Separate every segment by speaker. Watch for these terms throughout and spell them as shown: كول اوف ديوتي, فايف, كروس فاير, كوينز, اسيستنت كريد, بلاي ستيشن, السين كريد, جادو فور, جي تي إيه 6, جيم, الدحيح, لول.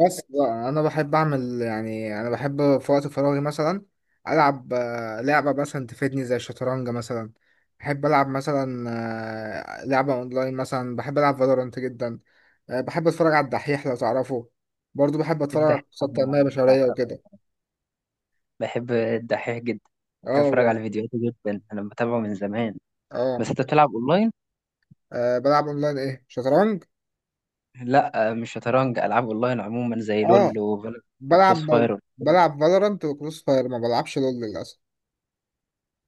Speaker 1: بس بقى انا بحب اعمل، يعني انا بحب في وقت فراغي مثلا العب، لعبه مثلا تفيدني زي الشطرنج مثلا. بحب العب مثلا. لعبه اونلاين مثلا، بحب العب فالورانت جدا. بحب اتفرج على الدحيح لو تعرفه. برضو بحب اتفرج على
Speaker 2: الدحيح
Speaker 1: قصص
Speaker 2: أنا
Speaker 1: تنميه بشريه
Speaker 2: بعشقه.
Speaker 1: وكده.
Speaker 2: بحب الدحيح جدا، بحب
Speaker 1: اه
Speaker 2: اتفرج
Speaker 1: والله.
Speaker 2: على فيديوهاته جدا، انا بتابعه من زمان.
Speaker 1: اه.
Speaker 2: بس انت بتلعب اونلاين؟
Speaker 1: بلعب اونلاين، ايه شطرنج.
Speaker 2: لا، مش شطرنج، العاب اونلاين عموما زي
Speaker 1: اه.
Speaker 2: لول وفالورانت وكروس
Speaker 1: بلعب.
Speaker 2: فاير.
Speaker 1: بلعب فالورانت وكروس فاير، ما بلعبش لول للاسف.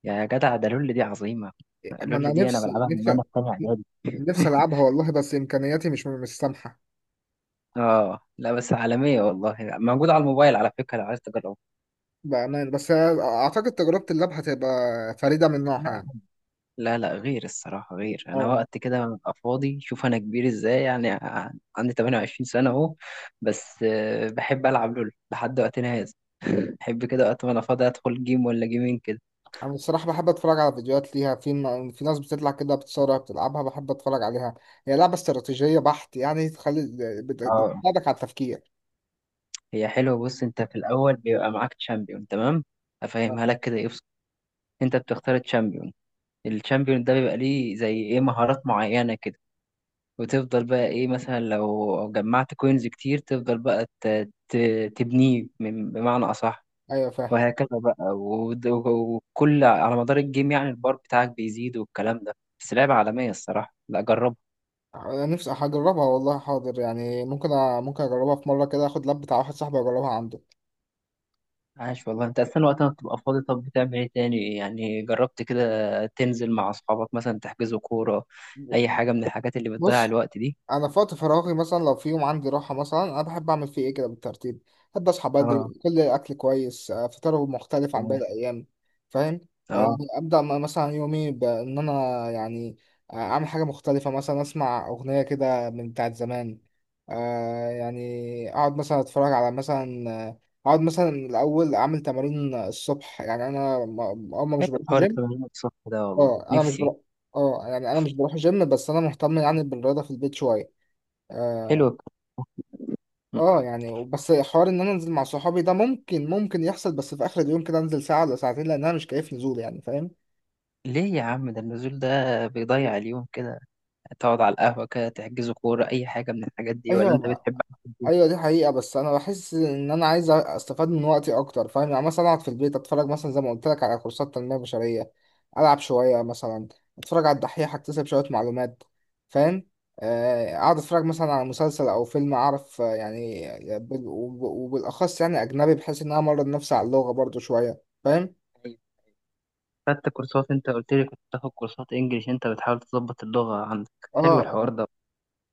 Speaker 2: يا جدع ده لول دي عظيمه،
Speaker 1: ما انا
Speaker 2: لول دي انا
Speaker 1: نفسي،
Speaker 2: بلعبها من
Speaker 1: نفسي
Speaker 2: وانا في تانية اعدادي.
Speaker 1: نفسي العبها والله، بس امكانياتي مش سامحه.
Speaker 2: اه لا، بس عالميه والله، موجوده على الموبايل على فكره لو عايز تجربها.
Speaker 1: بامان، بس اعتقد تجربه اللعب هتبقى فريده من نوعها
Speaker 2: لا
Speaker 1: يعني.
Speaker 2: لا لا، غير الصراحه، غير انا
Speaker 1: اه.
Speaker 2: وقت كده ببقى فاضي، شوف انا كبير ازاي، يعني عندي 28 سنه اهو. بس بحب العب لول لحد وقتنا هذا. بحب كده وقت ما انا فاضي ادخل جيم ولا جيمين كده.
Speaker 1: انا الصراحه بحب اتفرج على فيديوهات ليها، في في ناس بتطلع كده بتصورها بتلعبها، بحب اتفرج عليها. هي لعبه استراتيجيه بحت، يعني تخلي،
Speaker 2: اه،
Speaker 1: بتساعدك على التفكير.
Speaker 2: هي حلوه، بص انت في الاول بيبقى معاك تشامبيون، تمام؟ افهمها لك كده، ايه، بص، انت بتختار تشامبيون، التشامبيون ده بيبقى ليه زي ايه، مهارات معينه كده، وتفضل بقى ايه، مثلا لو جمعت كوينز كتير تفضل بقى تبنيه، بمعنى اصح.
Speaker 1: ايوه فاهم.
Speaker 2: وهكذا بقى، وكل على مدار الجيم، يعني البار بتاعك بيزيد والكلام ده. بس لعبه عالميه الصراحه، لا جربها.
Speaker 1: انا نفسي هجربها والله، حاضر يعني ممكن اجربها في مره كده، اخد لاب بتاع واحد صاحبي واجربها عنده.
Speaker 2: عاش والله، انت اصلا وقتها بتبقى فاضي، طب بتعمل ايه تاني يعني، جربت كده تنزل مع اصحابك مثلا، تحجزوا كورة، اي حاجة من الحاجات اللي بتضيع
Speaker 1: بص
Speaker 2: الوقت دي.
Speaker 1: انا في وقت فراغي مثلا، لو في يوم عندي راحه مثلا، انا بحب اعمل فيه ايه كده بالترتيب. بحب اصحى بدري،
Speaker 2: اه،
Speaker 1: كل الاكل كويس، فطار مختلف عن باقي
Speaker 2: تمام.
Speaker 1: الايام. فاهم.
Speaker 2: اه،
Speaker 1: يعني ابدا مثلا يومي بان انا يعني. اعمل حاجه مختلفه، مثلا اسمع اغنيه كده من بتاعت زمان. يعني اقعد مثلا اتفرج على مثلا، اقعد مثلا الاول اعمل تمارين الصبح، يعني انا اما مش
Speaker 2: حلو
Speaker 1: بروح
Speaker 2: حوار
Speaker 1: جيم.
Speaker 2: التمرين الصبح ده والله،
Speaker 1: اه، انا مش
Speaker 2: نفسي.
Speaker 1: بروح. اه، يعني انا مش بروح جيم، بس انا مهتم يعني بالرياضه في البيت شويه. اه.
Speaker 2: حلو. م-
Speaker 1: يعني بس حوار ان انا انزل مع صحابي ده، ممكن يحصل، بس في اخر اليوم كده انزل ساعه ولا ساعتين، لان انا مش كيف نزول يعني، فاهم.
Speaker 2: ليه يا عم، ده النزول ده بيضيع اليوم كده، تقعد على القهوة كده، تحجزوا كورة، اي حاجة من الحاجات دي، ولا
Speaker 1: ايوه
Speaker 2: انت
Speaker 1: ما.
Speaker 2: بتحب قعدة البيت؟
Speaker 1: ايوه دي حقيقه، بس انا بحس ان انا عايز استفاد من وقتي اكتر، فاهم يعني مثلا اقعد في البيت اتفرج مثلا زي ما قلت لك على كورسات تنميه بشريه، العب شويه مثلا، اتفرج على الدحيح، اكتسب شويه معلومات. فاهم. اقعد اتفرج مثلا على مسلسل او فيلم، اعرف يعني وبالاخص يعني اجنبي، بحيث ان انا امرن نفسي على اللغه برضو شويه، فاهم.
Speaker 2: أيوة. خدت كورسات؟ انت قلت لي كنت بتاخد كورسات انجليش، انت بتحاول تظبط اللغة عندك،
Speaker 1: اه
Speaker 2: حلو الحوار
Speaker 1: آه.
Speaker 2: ده.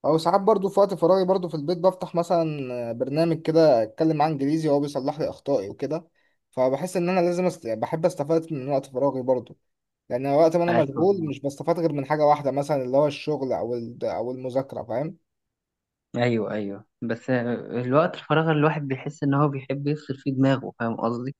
Speaker 1: او ساعات برضو في وقت فراغي، برضو في البيت بفتح مثلا برنامج كده اتكلم معاه انجليزي وهو بيصلح لي اخطائي وكده. فبحس ان انا يعني بحب استفاد من وقت فراغي برضو. لان وقت ما انا
Speaker 2: عاش
Speaker 1: مشغول
Speaker 2: والله.
Speaker 1: مش بستفاد غير من حاجه واحده، مثلا اللي هو الشغل او او المذاكره، فاهم.
Speaker 2: ايوه، ايوه، بس الوقت الفراغ الواحد بيحس ان هو بيحب يفصل فيه دماغه، فاهم قصدي؟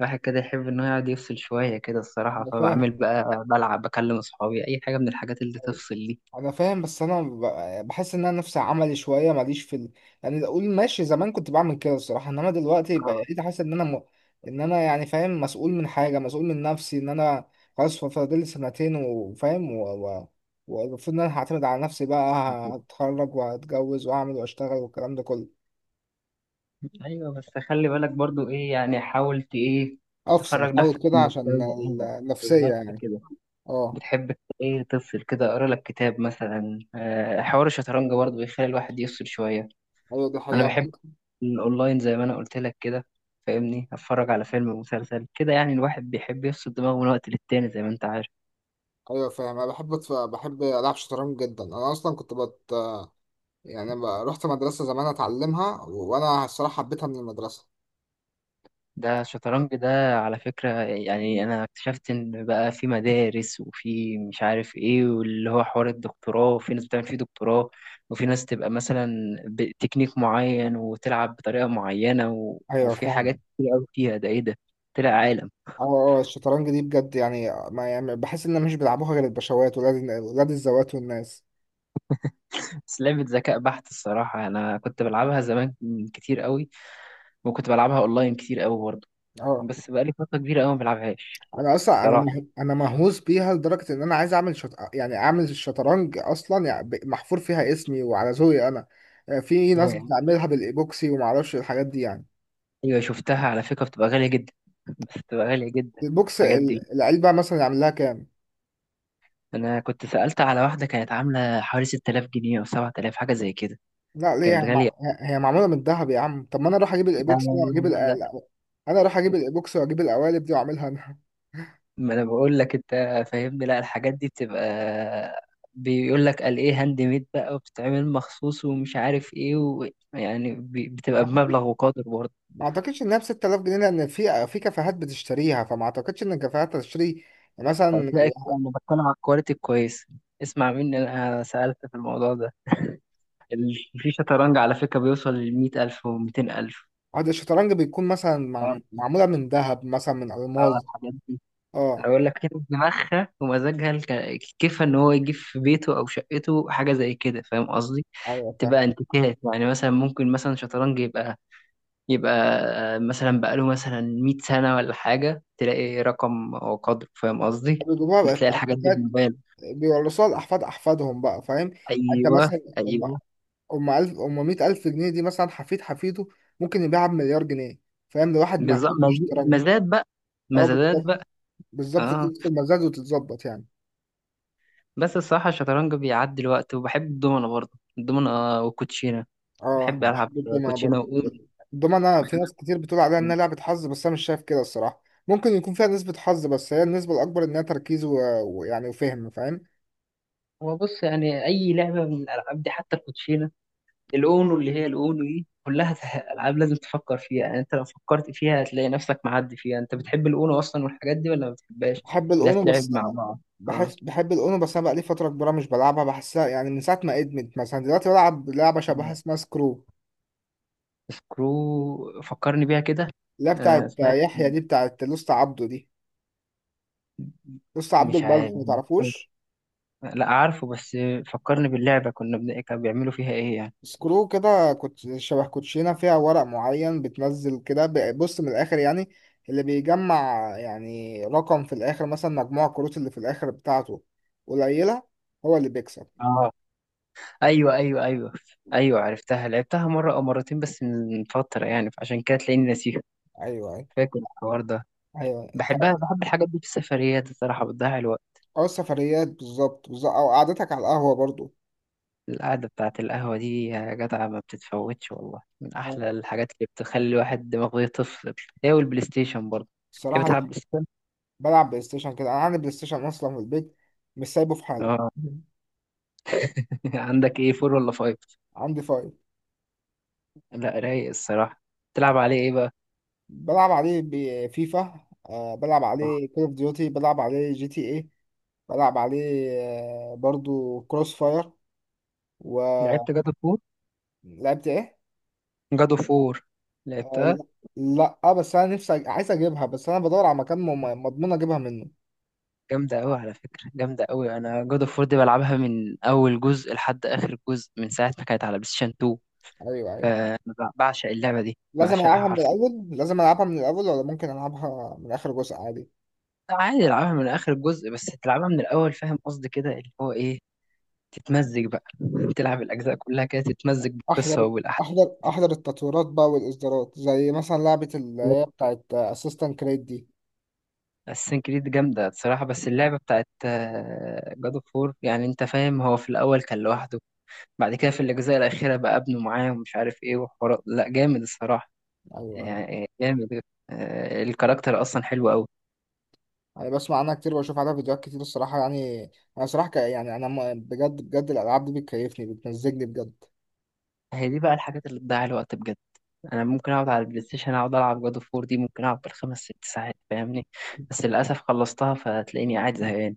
Speaker 2: الواحد كده يحب انه يقعد يفصل شويه كده الصراحه،
Speaker 1: انا
Speaker 2: فبعمل
Speaker 1: فاهم.
Speaker 2: بقى بلعب، بكلم اصحابي، اي حاجه من الحاجات اللي تفصل دي.
Speaker 1: انا فاهم، بس انا بحس ان انا نفسي عملي شويه، ماليش في يعني اقول ماشي زمان كنت بعمل كده الصراحه، انما دلوقتي
Speaker 2: اه،
Speaker 1: بقيت حاسس ان ان انا يعني فاهم مسؤول من حاجه، مسؤول من نفسي ان انا خلاص، فاضل سنتين، وفاهم والمفروض ان انا هعتمد على نفسي بقى.
Speaker 2: بالظبط.
Speaker 1: هتخرج وهتجوز واعمل واشتغل والكلام ده كله.
Speaker 2: ايوه، بس خلي بالك برضو، ايه يعني، حاولت ايه
Speaker 1: افصل
Speaker 2: تخرج
Speaker 1: احاول
Speaker 2: نفسك
Speaker 1: كده
Speaker 2: من
Speaker 1: عشان
Speaker 2: الجو. اه،
Speaker 1: النفسيه
Speaker 2: بالظبط
Speaker 1: يعني.
Speaker 2: كده.
Speaker 1: اه.
Speaker 2: بتحب ايه، تفصل كده، اقرا لك كتاب مثلا، حوار الشطرنج برضو بيخلي الواحد يفصل شويه.
Speaker 1: ايوه دي
Speaker 2: انا
Speaker 1: حقيقه.
Speaker 2: بحب اونلاين زي ما انا قلت لك كده فاهمني، اتفرج على فيلم ومسلسل كده، يعني الواحد بيحب يفصل دماغه من وقت للتاني زي ما انت عارف.
Speaker 1: ايوه فاهم. انا بحب بحب العب شطرنج جدا، انا اصلا يعني بقى، رحت مدرسة زمان اتعلمها وانا الصراحة حبيتها من المدرسة.
Speaker 2: ده الشطرنج ده على فكرة، يعني انا اكتشفت ان بقى في مدارس، وفي مش عارف ايه، واللي هو حوار الدكتوراه، وفي ناس بتعمل فيه دكتوراه، وفي ناس تبقى مثلا بتكنيك معين وتلعب بطريقة معينة،
Speaker 1: ايوه
Speaker 2: وفي حاجات
Speaker 1: فاهم.
Speaker 2: كتير قوي فيها، ده ايه ده، طلع عالم.
Speaker 1: اه. الشطرنج دي بجد يعني، ما يعني بحس ان مش بيلعبوها غير الباشوات ولاد، ولاد الذوات والناس.
Speaker 2: بس لعبة ذكاء بحت الصراحة، أنا كنت بلعبها زمان كتير قوي، وكنت بلعبها أونلاين كتير قوي برضه،
Speaker 1: اه.
Speaker 2: بس بقالي فترة كبيرة قوي ما بلعبهاش.
Speaker 1: انا اصلا
Speaker 2: الصراحة
Speaker 1: انا مهووس بيها لدرجه ان انا عايز يعني اعمل الشطرنج اصلا يعني محفور فيها اسمي وعلى ذوقي انا. في ناس
Speaker 2: ياه،
Speaker 1: بتعملها بالايبوكسي وما اعرفش الحاجات دي يعني.
Speaker 2: أيوة شفتها على فكرة، بتبقى غالية جدا. بس بتبقى غالية جدا،
Speaker 1: البوكس
Speaker 2: الحاجات دي.
Speaker 1: العلبه مثلا يعمل لها كام؟
Speaker 2: أنا كنت سألت على واحدة كانت عاملة حوالي 6000 جنيه أو 7000، حاجة زي كده،
Speaker 1: لا ليه، هي
Speaker 2: كانت غالية.
Speaker 1: هي معموله من الذهب يا عم؟ طب ما انا اروح اجيب
Speaker 2: لا
Speaker 1: الايبوكس انا واجيب
Speaker 2: لا لا،
Speaker 1: انا اروح اجيب الايبوكس واجيب القوالب دي واعملها انا.
Speaker 2: ما انا بقول لك انت فاهمني، لا الحاجات دي بتبقى، بيقول لك قال ايه هاند ميد بقى، وبتتعمل مخصوص، ومش عارف ايه، يعني
Speaker 1: ما
Speaker 2: بتبقى
Speaker 1: اعتقد،
Speaker 2: بمبلغ وقدر برضه.
Speaker 1: ما اعتقدش انها ب 6000 جنيه، لان في كافيهات بتشتريها، فما اعتقدش ان الكافيهات تشتري مثلا.
Speaker 2: هتلاقي، انا بتكلم على الكواليتي الكويسه، اسمع مني انا سالت في الموضوع ده، في شطرنج على فكره بيوصل ل 100000 و200000.
Speaker 1: عقد الشطرنج بيكون مثلا
Speaker 2: اه،
Speaker 1: معموله من ذهب مثلا، من الماظ.
Speaker 2: الحاجات دي، انا
Speaker 1: اه.
Speaker 2: بقول لك كده دماغها ومزاجها، كيفها ان هو يجيب في بيته او شقته حاجه زي كده، فاهم قصدي؟
Speaker 1: ايوه فاهم.
Speaker 2: تبقى انتيكات يعني، مثلا ممكن مثلا شطرنج يبقى مثلا بقاله مثلا 100 سنة ولا حاجة، تلاقي رقم وقدره، فاهم قصدي؟
Speaker 1: بيجيبوها بقى
Speaker 2: بتلاقي الحاجات دي في
Speaker 1: الكافيهات،
Speaker 2: موبايل.
Speaker 1: بيورثوها لاحفاد احفادهم بقى، فاهم يعني. انت
Speaker 2: أيوه،
Speaker 1: مثلا
Speaker 2: أيوه،
Speaker 1: أم ألف أم مية ألف جنيه دي، مثلا حفيد حفيده ممكن يبيعها بمليار جنيه، فاهم، لواحد
Speaker 2: بالظبط،
Speaker 1: مهووس بالشطرنج.
Speaker 2: مزاد بقى،
Speaker 1: اه
Speaker 2: مزادات
Speaker 1: بالظبط.
Speaker 2: بقى.
Speaker 1: بالظبط دي
Speaker 2: اه،
Speaker 1: نفس المزاج وتتظبط يعني.
Speaker 2: بس الصراحة الشطرنج بيعدي الوقت، وبحب الدومنة برضه، الدومنة والكوتشينة.
Speaker 1: اه.
Speaker 2: بحب
Speaker 1: أنا
Speaker 2: ألعب
Speaker 1: بحب الدومنة
Speaker 2: كوتشينة
Speaker 1: برضه.
Speaker 2: وأونو.
Speaker 1: الدومنة في ناس كتير بتقول عليها إنها لعبة حظ، بس أنا مش شايف كده الصراحة. ممكن يكون فيها نسبة حظ، بس هي النسبة الأكبر إنها تركيز ويعني وفهم، فاهم.
Speaker 2: هو بص يعني، أي لعبة من الألعاب دي، حتى الكوتشينة، الاونو، اللي هي الاونو دي كلها العاب لازم تفكر فيها، يعني انت لو فكرت فيها هتلاقي نفسك معدي فيها. انت بتحب الاونو اصلا والحاجات دي ولا ما بتحبهاش؟
Speaker 1: بحب
Speaker 2: لا
Speaker 1: الأونو
Speaker 2: تلعب
Speaker 1: بس.
Speaker 2: مع بعض. اه،
Speaker 1: بحس بحب الأونو بس، أنا بقالي فترة كبيرة مش بلعبها، بحسها يعني من ساعة ما ادمت. مثلا دلوقتي بلعب لعبة شبهها اسمها سكرو،
Speaker 2: سكرو فكرني بيها كده.
Speaker 1: اللي هي بتاعت
Speaker 2: اسمها إيه؟
Speaker 1: يحيى دي، بتاعت لوست عبده دي. لسه عبده
Speaker 2: مش
Speaker 1: البلف
Speaker 2: عارف.
Speaker 1: ما تعرفوش.
Speaker 2: لا عارفه، بس فكرني باللعبة، كانوا بيعملوا فيها ايه يعني.
Speaker 1: سكرو كده كنت شبه كوتشينه، فيها ورق معين بتنزل كده، بص من الاخر يعني، اللي بيجمع يعني رقم في الاخر، مثلا مجموع الكروت اللي في الاخر بتاعته قليله، هو اللي بيكسب.
Speaker 2: اه، ايوه، ايوه، ايوه. ايوه عرفتها، لعبتها مرة او مرتين بس من فترة يعني، فعشان كده تلاقيني ناسيها،
Speaker 1: ايوه، ايوه،
Speaker 2: فاكر الحوار ده.
Speaker 1: ايوه. انت.
Speaker 2: بحبها، بحب الحاجات دي في السفريات الصراحة، بتضيع الوقت.
Speaker 1: او السفريات، بالظبط بالظبط، او قعدتك على القهوه برضو.
Speaker 2: القعدة بتاعة القهوة دي يا جدع ما بتتفوتش والله، من
Speaker 1: اه.
Speaker 2: أحلى الحاجات اللي بتخلي الواحد دماغه يطفي. هي والبلاي ستيشن برضه. تحب
Speaker 1: الصراحه
Speaker 2: تلعب
Speaker 1: دي-
Speaker 2: بلاي ستيشن؟
Speaker 1: بلعب بلاي ستيشن كده، انا عندي بلاي ستيشن اصلا في البيت، مش سايبه في حاله.
Speaker 2: اه. عندك ايه، فور ولا فايف؟
Speaker 1: عندي فايف.
Speaker 2: لا، رايق الصراحة. تلعب عليه ايه بقى؟
Speaker 1: بلعب عليه بفيفا، آه بلعب عليه كول اوف ديوتي، بلعب عليه GTA، بلعب عليه برضو كروس فاير. ولعبت.
Speaker 2: لعبت جادو فور؟
Speaker 1: ايه؟
Speaker 2: جادو فور،
Speaker 1: آه.
Speaker 2: لعبتها؟
Speaker 1: لا اه، بس انا عايز اجيبها، بس انا بدور على مكان مضمون اجيبها منه.
Speaker 2: جامدة أوي على فكرة، جامدة أوي، أنا جادو فور دي بلعبها من أول جزء لحد آخر جزء، من ساعة ما كانت على بلاي ستيشن 2.
Speaker 1: ايوه ايوه.
Speaker 2: أنا بعشق اللعبة دي،
Speaker 1: لازم
Speaker 2: بعشقها
Speaker 1: العبها من
Speaker 2: حرفيا.
Speaker 1: الاول، لازم العبها من الاول، ولا ممكن العبها من اخر جزء عادي؟
Speaker 2: عادي العبها من اخر الجزء، بس تلعبها من الاول فاهم قصدي، كده اللي هو ايه، تتمزج بقى، تلعب الاجزاء كلها كده، تتمزج بالقصه
Speaker 1: احضر،
Speaker 2: والاحداث.
Speaker 1: احضر احضر التطويرات بقى والاصدارات، زي مثلا لعبة اللي هي بتاعت اسيستنت كريد دي.
Speaker 2: السين كريد جامده الصراحه، بس اللعبه بتاعت جاد اوف وور، يعني انت فاهم، هو في الاول كان لوحده، بعد كده في الاجزاء الاخيره بقى ابنه معاه، ومش عارف ايه، وحوارات، لا جامد الصراحه،
Speaker 1: ايوه أيوة.
Speaker 2: يعني جامد، الكاركتر اصلا حلو قوي.
Speaker 1: يعني بسمع عنها كتير، وبشوف عليها فيديوهات كتير الصراحة يعني. أنا صراحة يعني أنا بجد بجد الألعاب دي بتكيفني بتمزجني بجد.
Speaker 2: هي دي بقى الحاجات اللي بتضيع الوقت بجد، انا ممكن اقعد على البلاي ستيشن اقعد العب جاد اوف وور دي، ممكن اقعد بالخمس ست ساعات فاهمني، بس للاسف خلصتها فتلاقيني قاعد زهقان.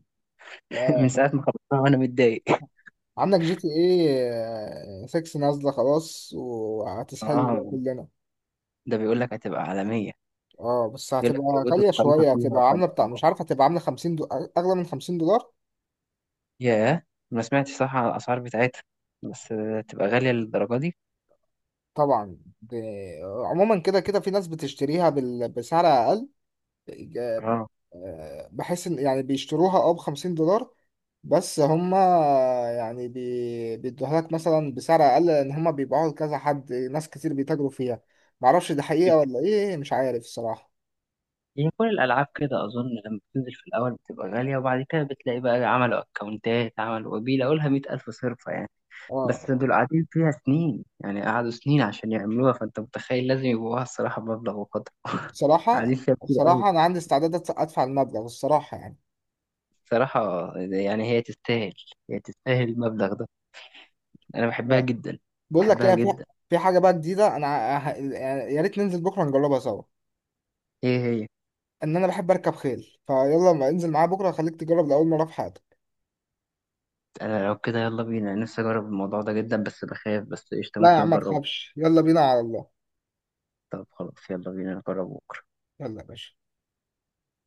Speaker 1: آه.
Speaker 2: من ساعه ما خلصتها وانا متضايق.
Speaker 1: عندك GTA 6 نازلة خلاص، وهتسحلنا
Speaker 2: اه،
Speaker 1: بقى كلنا.
Speaker 2: ده بيقول لك هتبقى عالميه،
Speaker 1: اه بس
Speaker 2: بيقول
Speaker 1: هتبقى
Speaker 2: لك بيوجدوا
Speaker 1: غالية
Speaker 2: الخريطه
Speaker 1: شوية،
Speaker 2: فيها
Speaker 1: هتبقى
Speaker 2: وكان.
Speaker 1: عاملة بتاع مش عارف، هتبقى عاملة 50 أغلى من $50.
Speaker 2: ياه، ما سمعتش صح على الاسعار بتاعتها، بس تبقى غاليه للدرجه دي.
Speaker 1: طبعا عموما كده كده في ناس بتشتريها بسعر أقل.
Speaker 2: اه،
Speaker 1: بحيث إن يعني بيشتروها اه ب $50 بس. هما يعني بيدوها لك مثلا بسعر اقل، لان هما بيبيعوها لكذا حد، ناس كتير بيتاجروا فيها. معرفش دي حقيقة ولا ايه، مش عارف الصراحة.
Speaker 2: يعني كل الالعاب كده اظن لما بتنزل في الاول بتبقى غاليه، وبعد كده بتلاقي بقى عملوا اكونتات، عملوا وبيلاقوا لها 100000 صرفه يعني. بس
Speaker 1: اه.
Speaker 2: دول قاعدين فيها سنين يعني، قعدوا سنين عشان يعملوها، فانت متخيل لازم يبقوها الصراحة بمبلغ وقدره. قاعدين
Speaker 1: بصراحة
Speaker 2: فيها كتير قوي
Speaker 1: بصراحة انا عندي استعداد أدفع، أدفع المبلغ الصراحة يعني.
Speaker 2: الصراحة، يعني هي تستاهل، هي تستاهل المبلغ ده، أنا بحبها
Speaker 1: آه.
Speaker 2: جدا.
Speaker 1: بقول لك
Speaker 2: بحبها
Speaker 1: ايه، في
Speaker 2: جدا.
Speaker 1: في حاجة بقى جديدة انا، يعني يا ريت ننزل بكرة نجربها سوا.
Speaker 2: هي هي
Speaker 1: ان انا بحب اركب خيل، فيلا ما انزل معايا بكرة خليك تجرب لأول مرة في حياتك.
Speaker 2: أنا لو كده، يلا بينا، أنا نفسي أجرب الموضوع ده جدا، بس بخاف، بس قشطة
Speaker 1: لا يا
Speaker 2: ممكن
Speaker 1: عم ما
Speaker 2: أجربه.
Speaker 1: تخافش، يلا بينا على الله.
Speaker 2: طب خلاص، يلا بينا نجربه.
Speaker 1: يلا يا باشا.